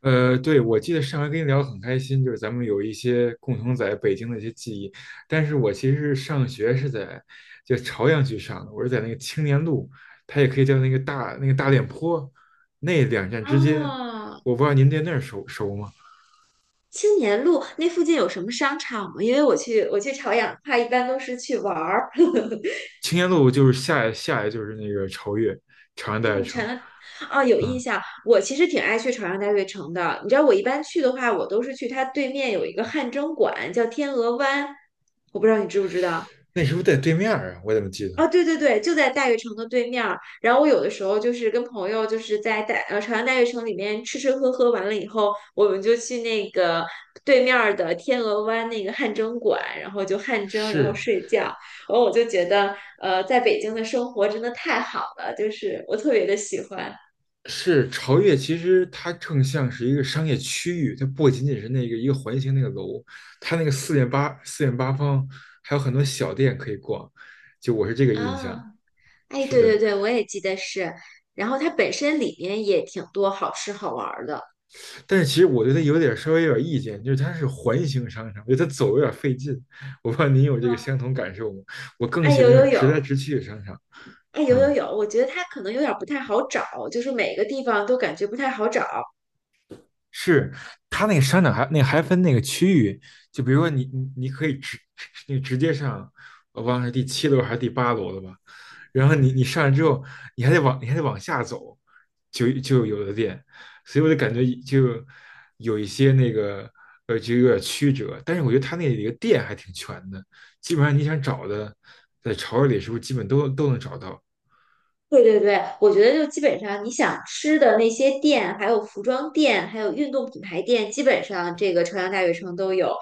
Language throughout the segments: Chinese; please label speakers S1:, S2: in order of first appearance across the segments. S1: 对，我记得上回跟你聊得很开心，就是咱们有一些共同在北京的一些记忆。但是我其实是上学是在就朝阳区上的，我是在那个青年路，它也可以叫那个大练坡那两站之间。
S2: 啊，
S1: 我不知道您对那儿熟吗？
S2: 青年路那附近有什么商场吗？因为我去朝阳的话，一般都是去玩儿。
S1: 青年路就是下来就是那个朝越，朝阳大
S2: 因为
S1: 悦
S2: 我长
S1: 城。
S2: 安啊，有印
S1: 嗯，
S2: 象。我其实挺爱去朝阳大悦城的。你知道，我一般去的话，我都是去它对面有一个汗蒸馆，叫天鹅湾。我不知道你知不知道。
S1: 那是不是在对面儿啊？我怎么记
S2: 啊，
S1: 得
S2: 对对对，就在大悦城的对面儿。然后我有的时候就是跟朋友就是在朝阳大悦城里面吃吃喝喝完了以后，我们就去那个对面儿的天鹅湾那个汗蒸馆，然后就汗蒸，然后
S1: 是？
S2: 睡觉。然后我就觉得，在北京的生活真的太好了，就是我特别的喜欢
S1: 是朝越，其实它更像是一个商业区域，它不仅仅是那个一个环形那个楼，它那个四面八方还有很多小店可以逛，就我是这个印象。
S2: 啊。哎，
S1: 是
S2: 对对
S1: 的。
S2: 对，我也记得是。然后它本身里面也挺多好吃好玩儿的。
S1: 但是其实我对它有点稍微有点意见，就是它是环形商场，我觉得它走有点费劲。我不知道您有这个
S2: 啊，
S1: 相同感受吗？我更
S2: 哎，
S1: 喜
S2: 有
S1: 欢那
S2: 有
S1: 种直
S2: 有，
S1: 来直去的商场。
S2: 哎，有
S1: 嗯，
S2: 有有，我觉得它可能有点儿不太好找，就是每个地方都感觉不太好找。
S1: 是，它那个商场还那个还分那个区域，就比如说你可以直接上，我忘了是第七楼还是第八楼了吧，然后你你上来之后，你还得往你还得往下走，就有的店，所以我就感觉就有一些那个就有点曲折，但是我觉得它那里的店还挺全的，基本上你想找的在潮市里是不是基本都能找到。
S2: 对对对，我觉得就基本上你想吃的那些店，还有服装店，还有运动品牌店，基本上这个朝阳大悦城都有。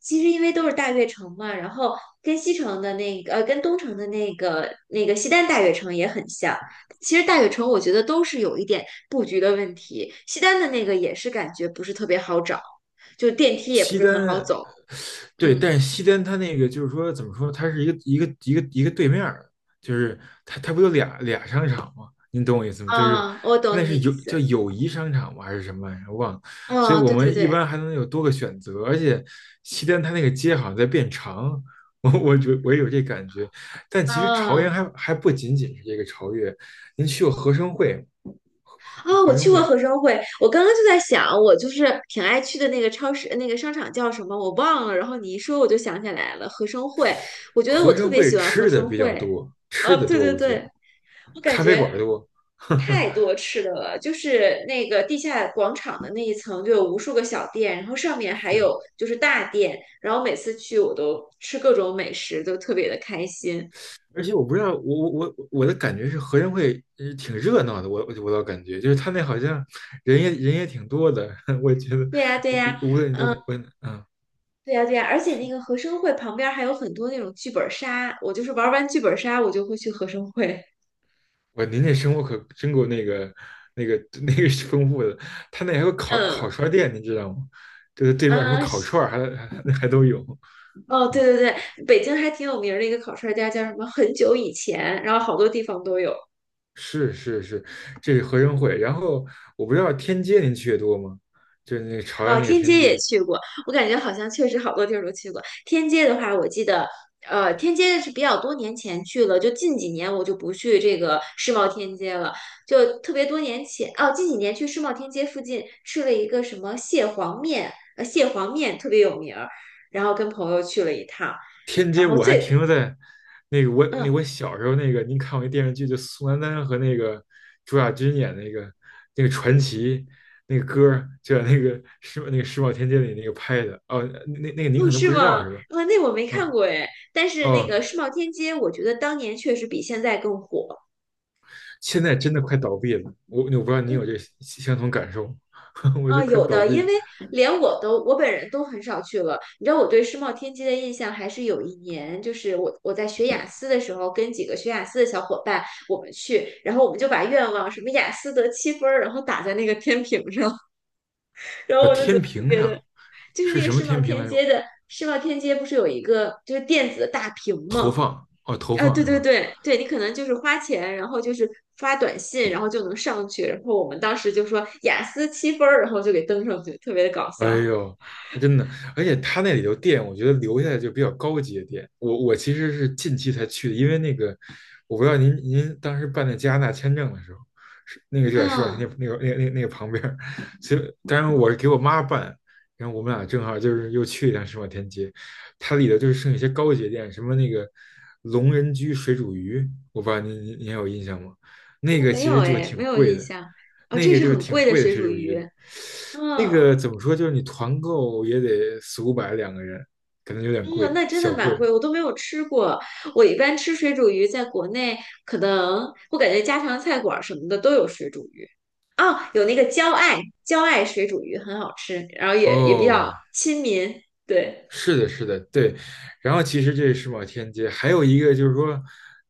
S2: 其实因为都是大悦城嘛，然后跟西城的跟东城的那个西单大悦城也很像。其实大悦城我觉得都是有一点布局的问题，西单的那个也是感觉不是特别好找，就电梯也不
S1: 西
S2: 是很好
S1: 单，
S2: 走。
S1: 对，
S2: 嗯。
S1: 但是西单它那个就是说怎么说，它是一个对面儿，就是它它不有俩商场吗？您懂我意思吗？就是
S2: 啊，我懂
S1: 那
S2: 你的
S1: 是
S2: 意
S1: 叫
S2: 思。
S1: 友谊商场吗？还是什么玩意儿？我忘了。所以
S2: 哦，
S1: 我
S2: 对对
S1: 们一
S2: 对，
S1: 般还能有多个选择，而且西单它那个街好像在变长，我也有这感觉。但其实朝阳
S2: 啊
S1: 还不仅仅是这个朝越，您去过合生汇吗？合
S2: 啊，
S1: 合
S2: 我
S1: 生
S2: 去过
S1: 汇
S2: 合生汇，我刚刚就在想，我就是挺爱去的那个超市，那个商场叫什么我忘了，然后你一说我就想起来了，合生汇。我觉得我
S1: 合
S2: 特
S1: 生
S2: 别
S1: 汇
S2: 喜欢合
S1: 吃的
S2: 生
S1: 比较
S2: 汇。
S1: 多，吃
S2: 哦，
S1: 的
S2: 对
S1: 多，
S2: 对
S1: 我觉得
S2: 对，我感
S1: 咖啡馆
S2: 觉
S1: 多，呵多，
S2: 太多吃的了，就是那个地下广场的那一层就有无数个小店，然后上面还
S1: 是。
S2: 有就是大店，然后每次去我都吃各种美食，都特别的开心。
S1: 而且我不知道，我的感觉是合生汇挺热闹的，我倒感觉就是他那好像人也挺多的，我觉得
S2: 对呀，对呀。
S1: 无论你到哪，我嗯，
S2: 对呀，对呀，而且那个和生汇旁边儿还有很多那种剧本杀，我就是玩完剧本杀，我就会去和生汇。
S1: 我您那生活可真够那个那个丰富的，他那还有 烤
S2: 嗯
S1: 串店，你知道吗？就是对面什么
S2: 嗯，
S1: 烤
S2: 是
S1: 串儿还都有，
S2: 哦，对
S1: 嗯。
S2: 对对，北京还挺有名儿的一个烤串儿家叫什么？很久以前，然后好多地方都有。
S1: 是是是，这是合生汇。然后我不知道天街您去的多吗？就是那个朝阳
S2: 哦，
S1: 那个
S2: 天
S1: 天
S2: 街也
S1: 街。
S2: 去过，我感觉好像确实好多地儿都去过。天街的话，我记得，天街是比较多年前去了，就近几年我就不去这个世贸天街了，就特别多年前，哦，近几年去世贸天街附近吃了一个什么蟹黄面，蟹黄面特别有名儿，然后跟朋友去了一趟，
S1: 天
S2: 然
S1: 街
S2: 后
S1: 我还
S2: 最，
S1: 停留在那个我那
S2: 嗯，
S1: 我小时候那个，您看过一电视剧，就宋丹丹和那个朱亚军演那个传奇那个歌儿就在那个世贸天阶里那个拍的。哦，那个您
S2: 哦，
S1: 可能
S2: 是
S1: 不知
S2: 吗？
S1: 道是吧？
S2: 啊，那我没看
S1: 嗯，
S2: 过哎，但是那
S1: 哦，
S2: 个世贸天街，我觉得当年确实比现在更火，
S1: 现在真的快倒闭了，我不知道您有
S2: 嗯。
S1: 这相同感受，我
S2: 啊，
S1: 就快
S2: 有
S1: 倒
S2: 的，因为
S1: 闭。
S2: 连我本人都很少去了。你知道我对世贸天阶的印象，还是有一年，就是我在学雅思的时候，跟几个学雅思的小伙伴，我们去，然后我们就把愿望什么雅思得七分儿，然后打在那个天平上，然后我就觉
S1: 天
S2: 得特
S1: 平
S2: 别的，
S1: 上
S2: 就是
S1: 是
S2: 那个
S1: 什么天平来着？
S2: 世贸天阶不是有一个就是电子的大屏
S1: 投
S2: 吗？
S1: 放，哦，投
S2: 啊，
S1: 放
S2: 对
S1: 是
S2: 对
S1: 吧？
S2: 对对，你可能就是花钱，然后就是发短信，然后就能上去。然后我们当时就说雅思七分儿，然后就给登上去，特别的搞
S1: 哎
S2: 笑。
S1: 呦，那真的，而且它那里头店，我觉得留下来就比较高级的店。我其实是近期才去的，因为那个我不知道您当时办那加拿大签证的时候，是那个就在石老天那
S2: 嗯，
S1: 那个那那那个旁边儿，所以当然我是给我妈办，然后我们俩正好就是又去一趟石老天街，它里头就是剩一些高级的店，什么那个龙人居水煮鱼，我不知道您还有印象吗？那个
S2: 没
S1: 其
S2: 有
S1: 实就是
S2: 哎，没
S1: 挺
S2: 有
S1: 贵
S2: 印
S1: 的，
S2: 象。哦，
S1: 那
S2: 这
S1: 个
S2: 是
S1: 就是
S2: 很
S1: 挺
S2: 贵的
S1: 贵的
S2: 水
S1: 水
S2: 煮
S1: 煮
S2: 鱼。
S1: 鱼。那个
S2: 嗯
S1: 怎么说，就是你团购也得四五百两个人，可能有点
S2: 嗯，那
S1: 贵，
S2: 真
S1: 小
S2: 的蛮
S1: 贵。
S2: 贵，我都没有吃过。我一般吃水煮鱼，在国内可能我感觉家常菜馆儿什么的都有水煮鱼。哦，有那个焦爱水煮鱼很好吃，然后也比
S1: 哦，
S2: 较亲民。对，
S1: 是的，是的，对。然后其实这是世贸天阶，还有一个就是说，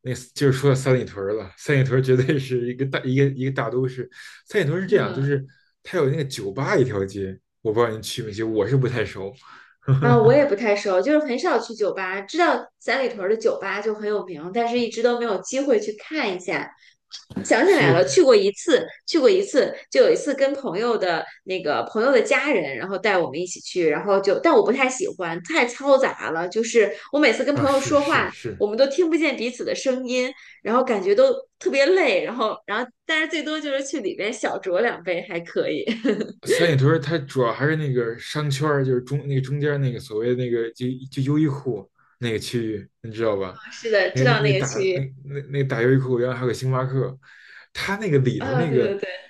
S1: 那就是说到三里屯儿了。三里屯儿绝对是一个大都市。三里屯儿是这样，就
S2: 嗯。
S1: 是它有那个酒吧一条街，我不知道您去没去，我是不太熟。
S2: 啊，我也不太熟，就是很少去酒吧，知道三里屯儿的酒吧就很有名，但是一直都没有机会去看一下。想起来
S1: 是
S2: 了，去过一次，去过一次，就有一次跟朋友的那个朋友的家人，然后带我们一起去，然后就，但我不太喜欢，太嘈杂了，就是我每次跟
S1: 啊，
S2: 朋友
S1: 是
S2: 说
S1: 是
S2: 话，我
S1: 是，
S2: 们都听不见彼此的声音，然后感觉都特别累，然后，然后，但是最多就是去里边小酌两杯还可以。
S1: 三里屯儿它主要还是那个商圈儿就是中间儿那个所谓那个就优衣库那个区域，你知道吧？
S2: 是的，知
S1: 那那
S2: 道那
S1: 那
S2: 个
S1: 大
S2: 区
S1: 那
S2: 域
S1: 那那大优衣库，然后还有个星巴克，它那个里头
S2: 啊，
S1: 那
S2: 对对
S1: 个
S2: 对。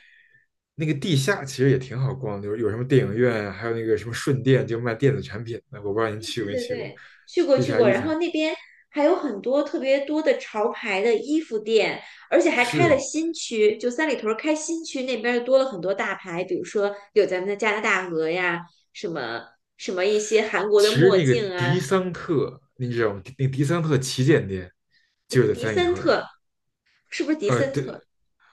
S1: 那个地下其实也挺好逛的，有什么电影院啊还有那个什么顺电，就卖电子产品的，我不知道您
S2: 对
S1: 去过没
S2: 对
S1: 去过，
S2: 对，去过
S1: 地
S2: 去
S1: 下
S2: 过，
S1: 一
S2: 然后
S1: 层
S2: 那边还有很多特别多的潮牌的衣服店，而且还开了
S1: 是。
S2: 新区，就三里屯儿开新区那边儿多了很多大牌，比如说有咱们的加拿大鹅呀，什么什么一些韩国
S1: 其
S2: 的
S1: 实
S2: 墨
S1: 那个
S2: 镜啊，
S1: 迪桑特，你知道吗？那迪桑特旗舰店就是在
S2: 迪
S1: 三里
S2: 森
S1: 屯儿。
S2: 特是不是迪
S1: 呃，
S2: 森
S1: 对，
S2: 特？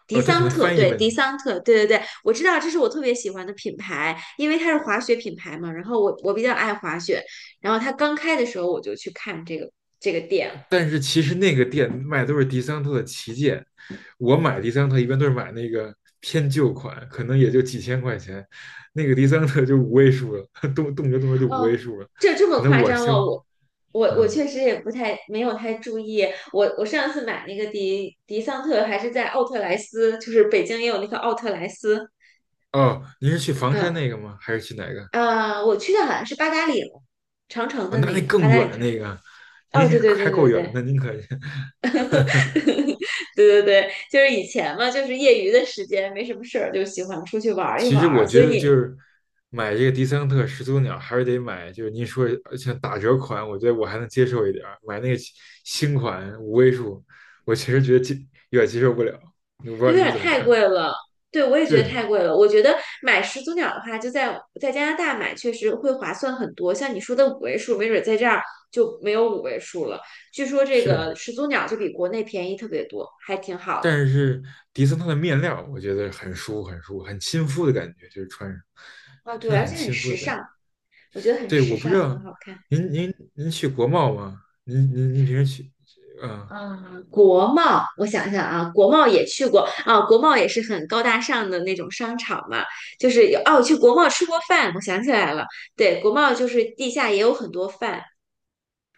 S2: 迪
S1: 呃，它可
S2: 桑
S1: 能
S2: 特，
S1: 翻译
S2: 对，
S1: 问
S2: 迪
S1: 题。
S2: 桑特，对对对，我知道这是我特别喜欢的品牌，因为它是滑雪品牌嘛，然后我比较爱滑雪，然后它刚开的时候我就去看这个店。
S1: 但是其实那个店卖的都是迪桑特的旗舰，我买迪桑特一般都是买那个偏旧款，可能也就几千块钱，那个迪桑特就五位数了，动辄就五位
S2: 哦，
S1: 数了，
S2: 这这
S1: 可
S2: 么
S1: 能
S2: 夸
S1: 我
S2: 张吗？
S1: 消，
S2: 我
S1: 嗯，
S2: 确实也不太没有太注意。我上次买那个迪桑特还是在奥特莱斯，就是北京也有那个奥特莱斯。
S1: 哦，您是去房山
S2: 嗯
S1: 那个吗？还是去哪个？
S2: 啊，我去的好像是八达岭，长城
S1: 啊、
S2: 的
S1: 那那
S2: 那个八
S1: 更
S2: 达岭
S1: 远
S2: 上。
S1: 那个，
S2: 哦，
S1: 您
S2: 对对对
S1: 还够
S2: 对
S1: 远
S2: 对
S1: 的，您可是。
S2: 对对对，就是以前嘛，就是业余的时间没什么事儿，就喜欢出去玩一
S1: 其
S2: 玩
S1: 实
S2: 儿。
S1: 我
S2: 所
S1: 觉
S2: 以
S1: 得就
S2: 你
S1: 是买这个迪桑特始祖鸟，还是得买，就是您说像打折款，我觉得我还能接受一点儿。买那个新款五位数，我其实觉得有点接受不了。我不知
S2: 对，
S1: 道
S2: 有
S1: 您
S2: 点
S1: 怎么
S2: 太
S1: 看？
S2: 贵了。对，我也觉得
S1: 是
S2: 太贵了。我觉得买始祖鸟的话，就在加拿大买，确实会划算很多。像你说的五位数，没准在这儿就没有五位数了。据说这
S1: 是，
S2: 个始祖鸟就比国内便宜特别多，还挺好的。
S1: 但是迪桑特的面料，我觉得很舒服，很舒服，很亲肤的感觉，就是穿上
S2: 啊，对，
S1: 真的
S2: 而
S1: 很
S2: 且很
S1: 亲肤
S2: 时
S1: 的感觉。
S2: 尚，我觉得很
S1: 对，
S2: 时
S1: 我不知
S2: 尚，很
S1: 道
S2: 好看。
S1: 您去国贸吗？您平时去？嗯、
S2: 嗯，国贸，我想想啊，国贸也去过啊，国贸也是很高大上的那种商场嘛，就是有哦，我去国贸吃过饭，我想起来了，对，国贸就是地下也有很多饭，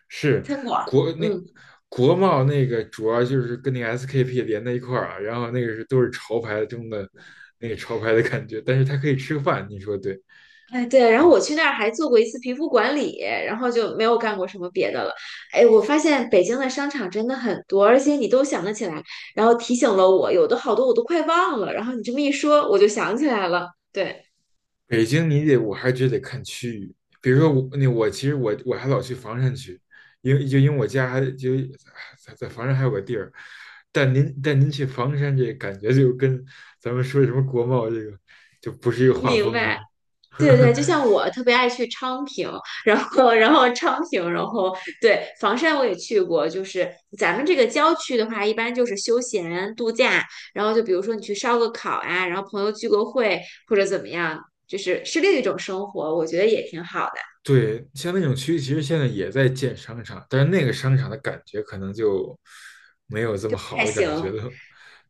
S1: 是，国那
S2: 嗯。
S1: 国贸那个主要就是跟那个 SKP 连在一块儿啊，然后那个是都是潮牌中的那个潮牌的感觉，但是它可以吃饭，你说对？
S2: 哎，对，然后
S1: 嗯，
S2: 我去那儿还做过一次皮肤管理，然后就没有干过什么别的了。哎，我发现北京的商场真的很多，而且你都想得起来，然后提醒了我，有的好多我都快忘了，然后你这么一说，我就想起来了。对，
S1: 北京你得我还觉得得看区域，比如说我其实我还老去房山区，因为我家还就在房山还有个地儿，但您去房山这感觉就跟咱们说什么国贸这个就不是一个画
S2: 明
S1: 风了。
S2: 白。对对，就 像我特别爱去昌平，然后昌平，然后对房山我也去过，就是咱们这个郊区的话，一般就是休闲度假，然后就比如说你去烧个烤啊，然后朋友聚个会或者怎么样，就是另一种生活，我觉得也挺好的，
S1: 对，像那种区其实现在也在建商场，但是那个商场的感觉可能就没有这么
S2: 还
S1: 好的
S2: 行。
S1: 感觉了。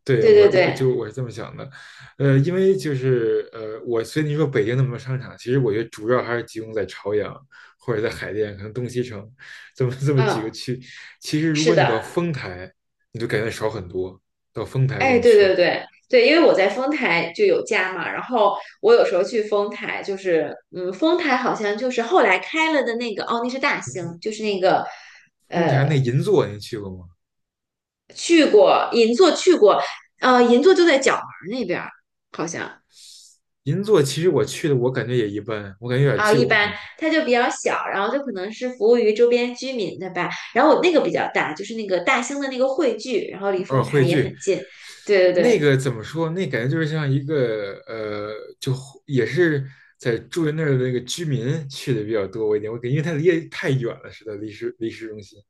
S1: 对，
S2: 对对对，
S1: 我是这么想的，因为就是我所以你说北京那么多商场，其实我觉得主要还是集中在朝阳或者在海淀，可能东西城这么几
S2: 嗯，
S1: 个区。其实如
S2: 是
S1: 果你
S2: 的。
S1: 到丰台，你就感觉少很多。到丰台这
S2: 哎，
S1: 种
S2: 对对
S1: 区，
S2: 对对，因为我在丰台就有家嘛，然后我有时候去丰台，就是嗯，丰台好像就是后来开了的那个，哦，那是大兴，就是那个
S1: 丰台那银座您去过吗？
S2: 去过银座去过，银座就在角门那边儿，好像
S1: 银座其实我去的，我感觉也一般，我感觉有点
S2: 啊，一
S1: 旧，我
S2: 般
S1: 感觉。
S2: 它就比较小，然后就可能是服务于周边居民的吧，然后我那个比较大，就是那个大兴的那个汇聚，然后离
S1: 偶
S2: 丰
S1: 尔
S2: 台
S1: 汇
S2: 也
S1: 聚，
S2: 很近，对
S1: 那
S2: 对
S1: 个怎么说？那感觉就是像一个就也是在住在那儿的那个居民去的比较多一点。我感觉因为它离得太远了，是的，离市中心。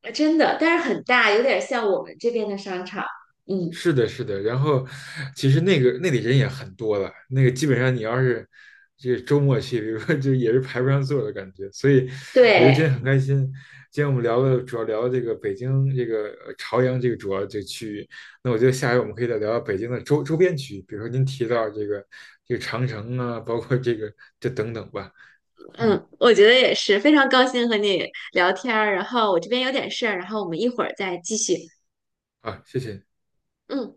S2: 对，真的，但是很大，有点像我们这边的商场，嗯，
S1: 是的，是的。然后，其实那个那里人也很多了，那个基本上你要是这个周末去，比如说就也是排不上座的感觉。所以，我觉得今
S2: 对。
S1: 天很开心。今天我们聊了，主要聊了这个北京这个朝阳这个主要这个区域。那我觉得下回我们可以再聊聊北京的周边区域，比如说您提到这个长城啊，包括这个等等吧。嗯，
S2: 嗯，我觉得也是，非常高兴和你聊天儿。然后我这边有点事儿，然后我们一会儿再继续。
S1: 啊，谢谢。
S2: 嗯。